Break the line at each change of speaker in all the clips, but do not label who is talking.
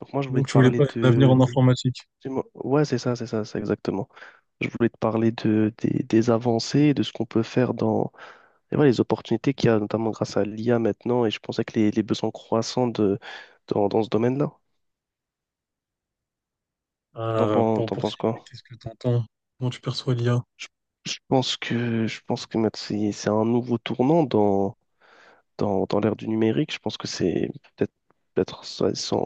Donc moi, je voulais
Donc,
te
tu voulais
parler
pas un avenir en
de...
informatique.
dis-moi- Ouais, c'est ça, c'est ça, c'est exactement. Je voulais te parler des avancées, et de ce qu'on peut faire dans et voilà, les opportunités qu'il y a, notamment grâce à l'IA maintenant, et je pensais que les besoins croissants dans ce domaine-là.
Par
T'en penses
opportunité,
quoi?
qu'est-ce que tu entends? Comment tu perçois l'IA?
Je, je pense que maintenant, c'est un nouveau tournant dans l'ère du numérique. Je pense que c'est peut-être, peut-être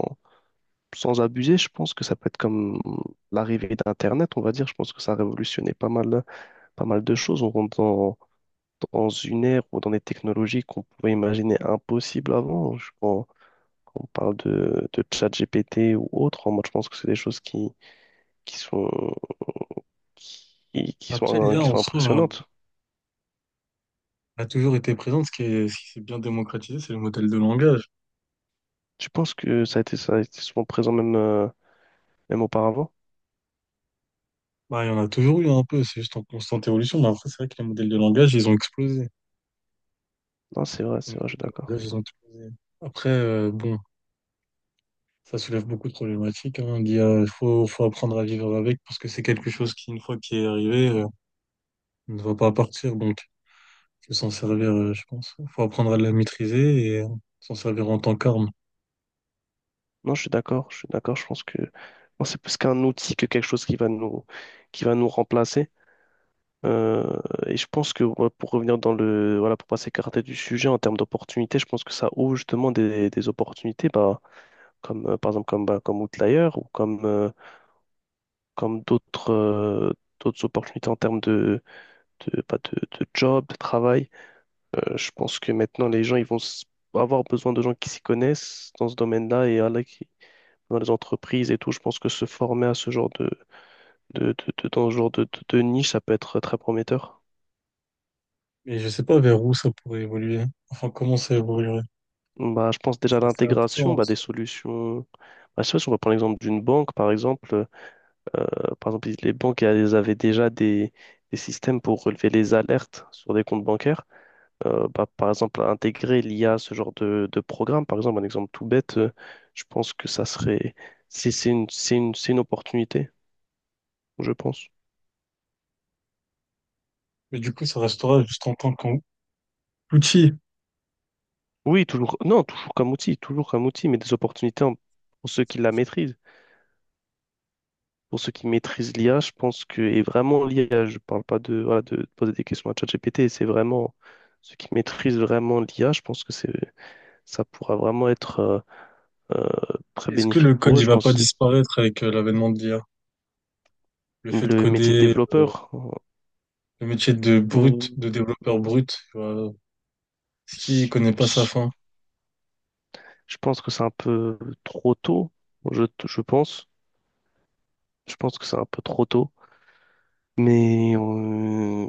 sans abuser, je pense que ça peut être comme l'arrivée d'Internet, on va dire. Je pense que ça a révolutionné pas mal de choses. On rentre dans une ère ou dans des technologies qu'on pouvait imaginer impossibles avant. Quand on parle de GPT ou autre, moi je pense que c'est des choses qui sont,
Après, l'IA
qui
en
sont
soi
impressionnantes.
a toujours été présente. Ce qui est, ce qui s'est bien démocratisé, c'est le modèle de langage.
Tu penses que ça a été souvent présent même, même auparavant?
Bah, il y en a toujours eu un peu, c'est juste en constante évolution. Mais après, c'est vrai que les modèles de langage, ils ont explosé.
Non,
Les
c'est
modèles
vrai, je suis
de
d'accord.
langage, ils ont explosé. Après, bon, ça soulève beaucoup de problématiques, hein. L'IA, il faut apprendre à vivre avec parce que c'est quelque chose qui, une fois qui est arrivé, ne va pas partir. Donc, que s'en servir, je pense. Il faut apprendre à la maîtriser et s'en servir en tant qu'arme.
Non, je suis d'accord, je suis d'accord. Je pense que non, c'est plus qu'un outil que quelque chose qui va qui va nous remplacer. Euh, et je pense que ouais, pour revenir dans le, voilà, pour pas s'écarter du sujet en termes d'opportunités, je pense que ça ouvre justement des opportunités, comme par exemple comme, comme Outlier ou comme, comme d'autres d'autres opportunités en termes de job, de travail. Je pense que maintenant les gens ils vont avoir besoin de gens qui s'y connaissent dans ce domaine-là et voilà, qui, dans les entreprises et tout. Je pense que se former à ce genre de, de, dans ce genre de niche, ça peut être très prometteur.
Mais je sais pas vers où ça pourrait évoluer. Enfin, comment ça évoluerait?
Bah, je pense déjà
C'est
à
assez
l'intégration
absent.
bah, des solutions. Bah, je sais pas si on va prendre l'exemple d'une banque, par exemple. Euh, par exemple, les banques elles avaient déjà des systèmes pour relever les alertes sur des comptes bancaires. Par exemple, intégrer l'IA à ce genre de programme, par exemple, un exemple tout bête, je pense que ça serait. C'est une opportunité, je pense.
Mais du coup, ça restera juste en tant qu'outil.
Oui, toujours. Non, toujours comme outil, mais des opportunités pour ceux qui la maîtrisent. Pour ceux qui maîtrisent l'IA, je pense que, et vraiment l'IA, je parle pas de, voilà, de poser des questions à ChatGPT, c'est vraiment ceux qui maîtrisent vraiment l'IA, je pense que c'est, ça pourra vraiment être très
Est-ce que
bénéfique
le code,
pour eux.
il
Je
va pas
pense
disparaître avec l'avènement de l'IA? Le fait de
le métier de
coder,
développeur,
le métier de
euh,
brut, de développeur brut, tu vois, qui
je,
connaît pas sa
je-
fin?
je pense que c'est un peu trop tôt, je pense. Je pense que c'est un peu trop tôt, mais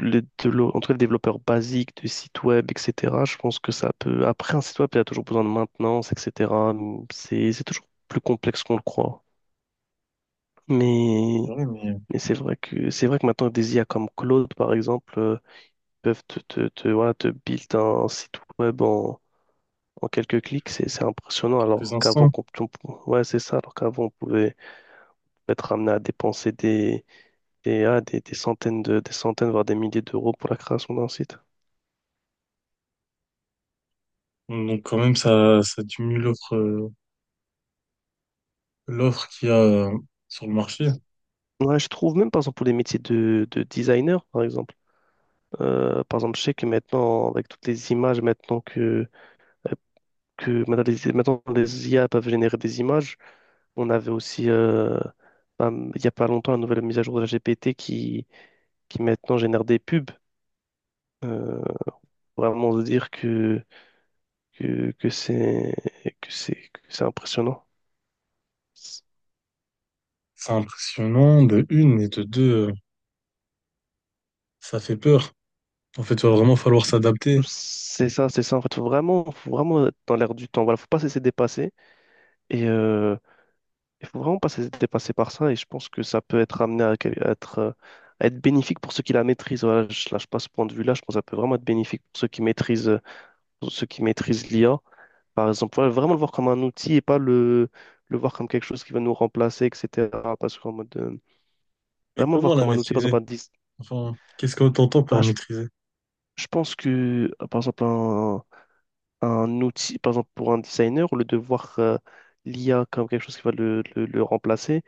en tout cas, les développeurs basiques de sites web, etc., je pense que ça peut. Après, un site web, il y a toujours besoin de maintenance, etc. C'est toujours plus complexe qu'on le croit. Mais,
C'est mais
mais c'est vrai que maintenant, des IA comme Claude, par exemple, peuvent voilà, te build un site web en quelques clics. C'est
en
impressionnant.
quelques
Alors qu'avant,
instants.
qu'on- on- pou- ouais, c'est ça. Alors qu'avant, on pouvait être amené à dépenser des centaines des centaines, voire des milliers d'euros pour la création d'un site.
Donc, quand même, ça diminue l'offre, l'offre qu'il y a sur le marché.
Ouais, je trouve même, par exemple, pour les métiers de designer, par exemple. Par exemple, je sais que maintenant, avec toutes les images, maintenant que maintenant les IA peuvent générer des images, on avait aussi, ben, il n'y a pas longtemps, la nouvelle mise à jour de la GPT qui maintenant génère des pubs. Euh, vraiment de dire que c'est que c'est que c'est impressionnant.
C'est impressionnant de une et de deux. Ça fait peur. En fait, il va vraiment falloir s'adapter.
C'est ça, c'est ça. En fait, faut vraiment être dans l'air du temps. Voilà, faut pas cesser de dépasser. Et, il faut vraiment pas se dépasser par ça et je pense que ça peut être amené à être bénéfique pour ceux qui la maîtrisent. Voilà, je lâche pas ce point de vue-là. Je pense que ça peut vraiment être bénéfique pour ceux qui maîtrisent, pour ceux qui maîtrisent l'IA. Par exemple, voilà, vraiment le voir comme un outil et pas le voir comme quelque chose qui va nous remplacer, etc. Parce qu'en mode, euh,
Mais
vraiment le voir
comment la
comme un outil, par
maîtriser?
exemple, un dis-
Enfin, qu'est-ce que t'entends par
bah,
maîtriser?
je pense que, par exemple, un outil, par exemple, pour un designer, au lieu de voir l'IA comme quelque chose qui va le remplacer,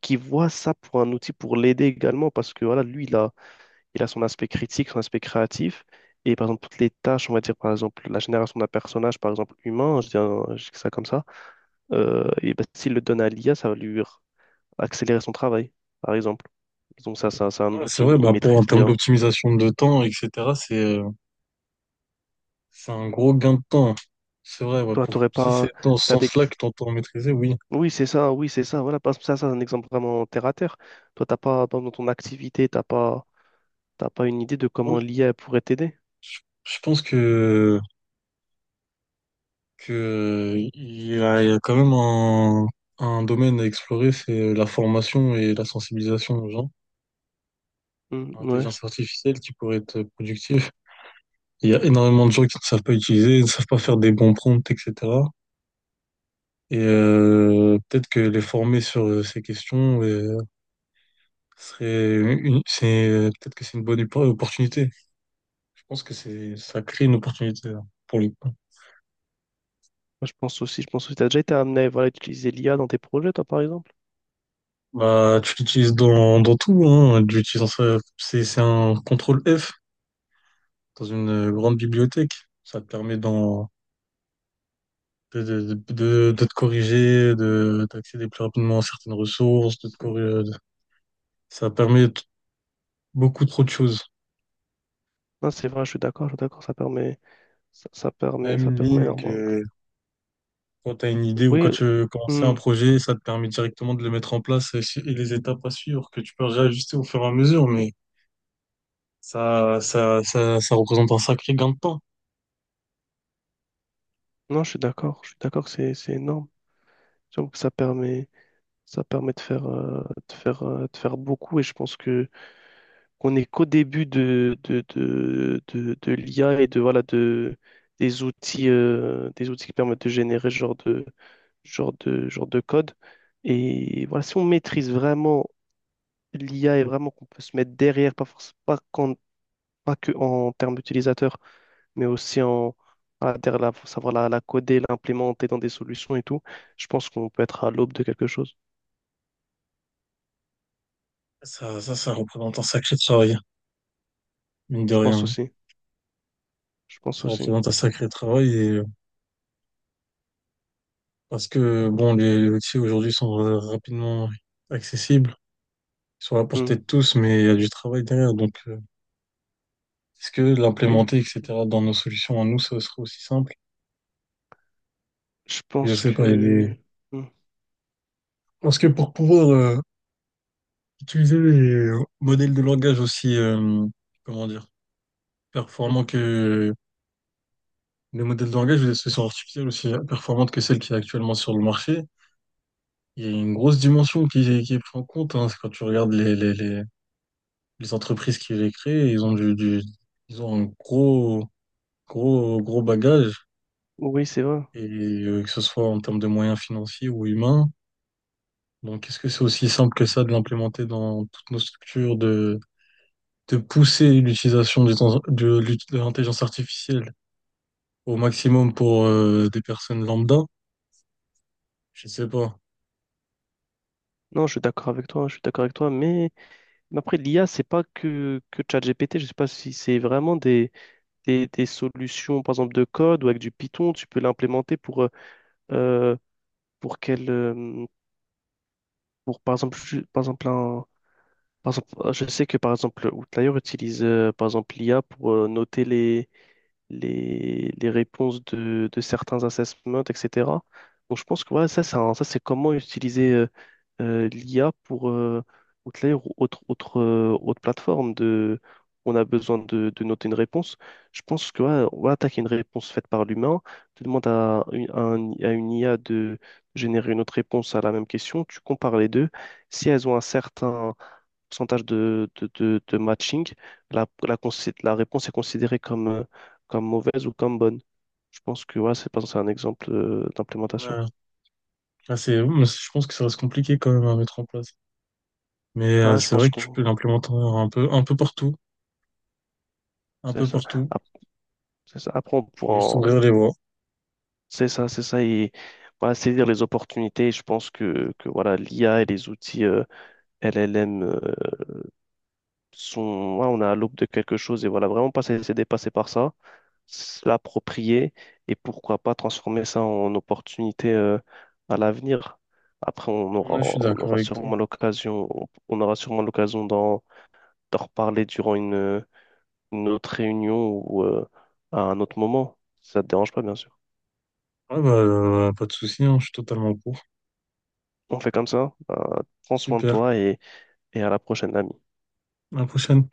qui voit ça pour un outil pour l'aider également parce que voilà, lui, il a son aspect critique, son aspect créatif. Et par exemple, toutes les tâches, on va dire par exemple la génération d'un personnage, par exemple humain, je dis ça comme ça, et ben, s'il le donne à l'IA, ça va lui r- accélérer son travail, par exemple. Donc c'est un
Ouais, c'est
outil,
vrai,
il
bah pour en
maîtrise
termes
l'IA.
d'optimisation de temps, etc., c'est euh, c'est un gros gain de temps. C'est vrai, ouais,
Toi,
pour,
t'aurais
si c'est
pas...
dans ce
T'as des...
sens-là que t'entends maîtriser, oui.
Oui, c'est ça, oui, c'est ça. Voilà, parce que ça, c'est un exemple vraiment terre à terre. Toi, t'as pas, dans ton activité, t'as pas une idée de
Moi,
comment l'IA pourrait t'aider.
je pense que, il y a quand même un domaine à explorer, c'est la formation et la sensibilisation aux gens.
Oui, ouais,
L'intelligence artificielle qui pourrait être productive. Il y a énormément de gens qui ne savent pas utiliser, ne savent pas faire des bons prompts, etc. Et peut-être que les former sur ces questions serait une, c'est peut-être que c'est une bonne opportunité. Je pense que c'est ça crée une opportunité là, pour le coup.
moi, je pense aussi, je pense aussi, t'as déjà été amené à voilà, à utiliser l'IA dans tes projets, toi, par exemple?
Bah, tu l'utilises dans, dans tout, hein. Tu l'utilises dans ça. C'est un contrôle F dans une grande bibliothèque. Ça te permet de, de te corriger, de, d'accéder plus rapidement à certaines ressources, de te
C'est-
corriger, ça permet t- beaucoup trop de choses.
Non, c'est vrai, je suis d'accord,
Même
ça
une
permet
ligne
énormément.
que quand tu as une idée ou quand
Oui,
tu commences un
hmm,
projet, ça te permet directement de le mettre en place et, et les étapes à suivre que tu peux réajuster au fur et à mesure, mais ça représente un sacré gain de temps.
non, je suis d'accord que c'est énorme. Surtout que ça permet de faire beaucoup et je pense que qu'on n'est qu'au début de l'IA et de, voilà, des outils qui permettent de générer ce genre genre de code. Et voilà, si on maîtrise vraiment l'IA est vraiment qu'on peut se mettre derrière, pas forcément pas, pas que en termes d'utilisateurs, mais aussi en voilà, faut savoir la coder, l'implémenter dans des solutions et tout. Je pense qu'on peut être à l'aube de quelque chose.
Ça représente un sacré travail, mine de
Je pense
rien.
aussi. Je pense
Ça
aussi.
représente un sacré travail. Parce que bon, les outils aujourd'hui sont rapidement accessibles, ils sont à la portée
Hmm.
de tous, mais il y a du travail derrière. Donc, est-ce que
Oui,
l'implémenter, etc., dans nos solutions à nous, ça serait aussi simple?
je
Je
pense
sais pas, il y a des...
que. Hmm,
Parce que pour pouvoir utiliser les modèles de langage aussi, comment dire,
hmm.
performants que les modèles de langage ou les solutions artificielles aussi performantes que celles qui est actuellement sur le marché, il y a une grosse dimension qui est prise en compte, hein. C'est quand tu regardes les, les entreprises qui les créent, ils ont un gros, gros bagage,
Oui, c'est vrai.
et que ce soit en termes de moyens financiers ou humains. Donc, est-ce que c'est aussi simple que ça de l'implémenter dans toutes nos structures, de pousser l'utilisation des en- de, l'ut- de l'intelligence artificielle au maximum pour des personnes lambda? Je sais pas.
Non, je suis d'accord avec toi, je suis d'accord avec toi, mais après l'IA, c'est pas que, que ChatGPT, je sais pas si c'est vraiment des solutions, par exemple, de code ou avec du Python, tu peux l'implémenter euh, pour pour par exemple, ju- par exemple, un- par exemple, je sais que par exemple, Outlier utilise par exemple l'IA pour noter les réponses de certains assessments, etc. Donc je pense que voilà, ça, c'est comment utiliser l'IA pour outlier ou autre, autre plateforme de on a besoin de noter une réponse. Je pense que voilà, on va attaquer une réponse faite par l'humain. Tu demandes à une IA de générer une autre réponse à la même question. Tu compares les deux. Si elles ont un certain pourcentage de matching, la réponse est considérée comme, comme mauvaise ou comme bonne. Je pense que ouais, c'est pas- c'est un exemple d'implémentation.
Ouais. Là, c'est, je pense que ça reste compliqué quand même à mettre en place. Mais
Voilà, je
c'est
pense
vrai que tu
qu'on
peux l'implémenter un peu partout, un
c'est
peu
ça.
partout.
Ap- C'est ça. Après, on
Faut
pourra
juste
en-
ouvrir les voies.
c'est ça, c'est ça. Et voilà, saisir les opportunités. Je pense que voilà, l'IA et les outils LLM sont. Ouais, on a à l'aube de quelque chose et voilà, vraiment pas se laisser dépasser par ça. L'approprier et pourquoi pas transformer ça en opportunité à l'avenir. Après, on aura,
Là, je suis
on
d'accord
aura
avec toi.
sûrement l'occasion, on aura sûrement l'occasion d'en d'en reparler durant une autre réunion ou à un autre moment. Si ça te dérange pas, bien sûr.
Ah bah, pas de souci, hein, je suis totalement pour.
On fait comme ça. Prends soin de
Super,
toi et à la prochaine, ami.
à la prochaine.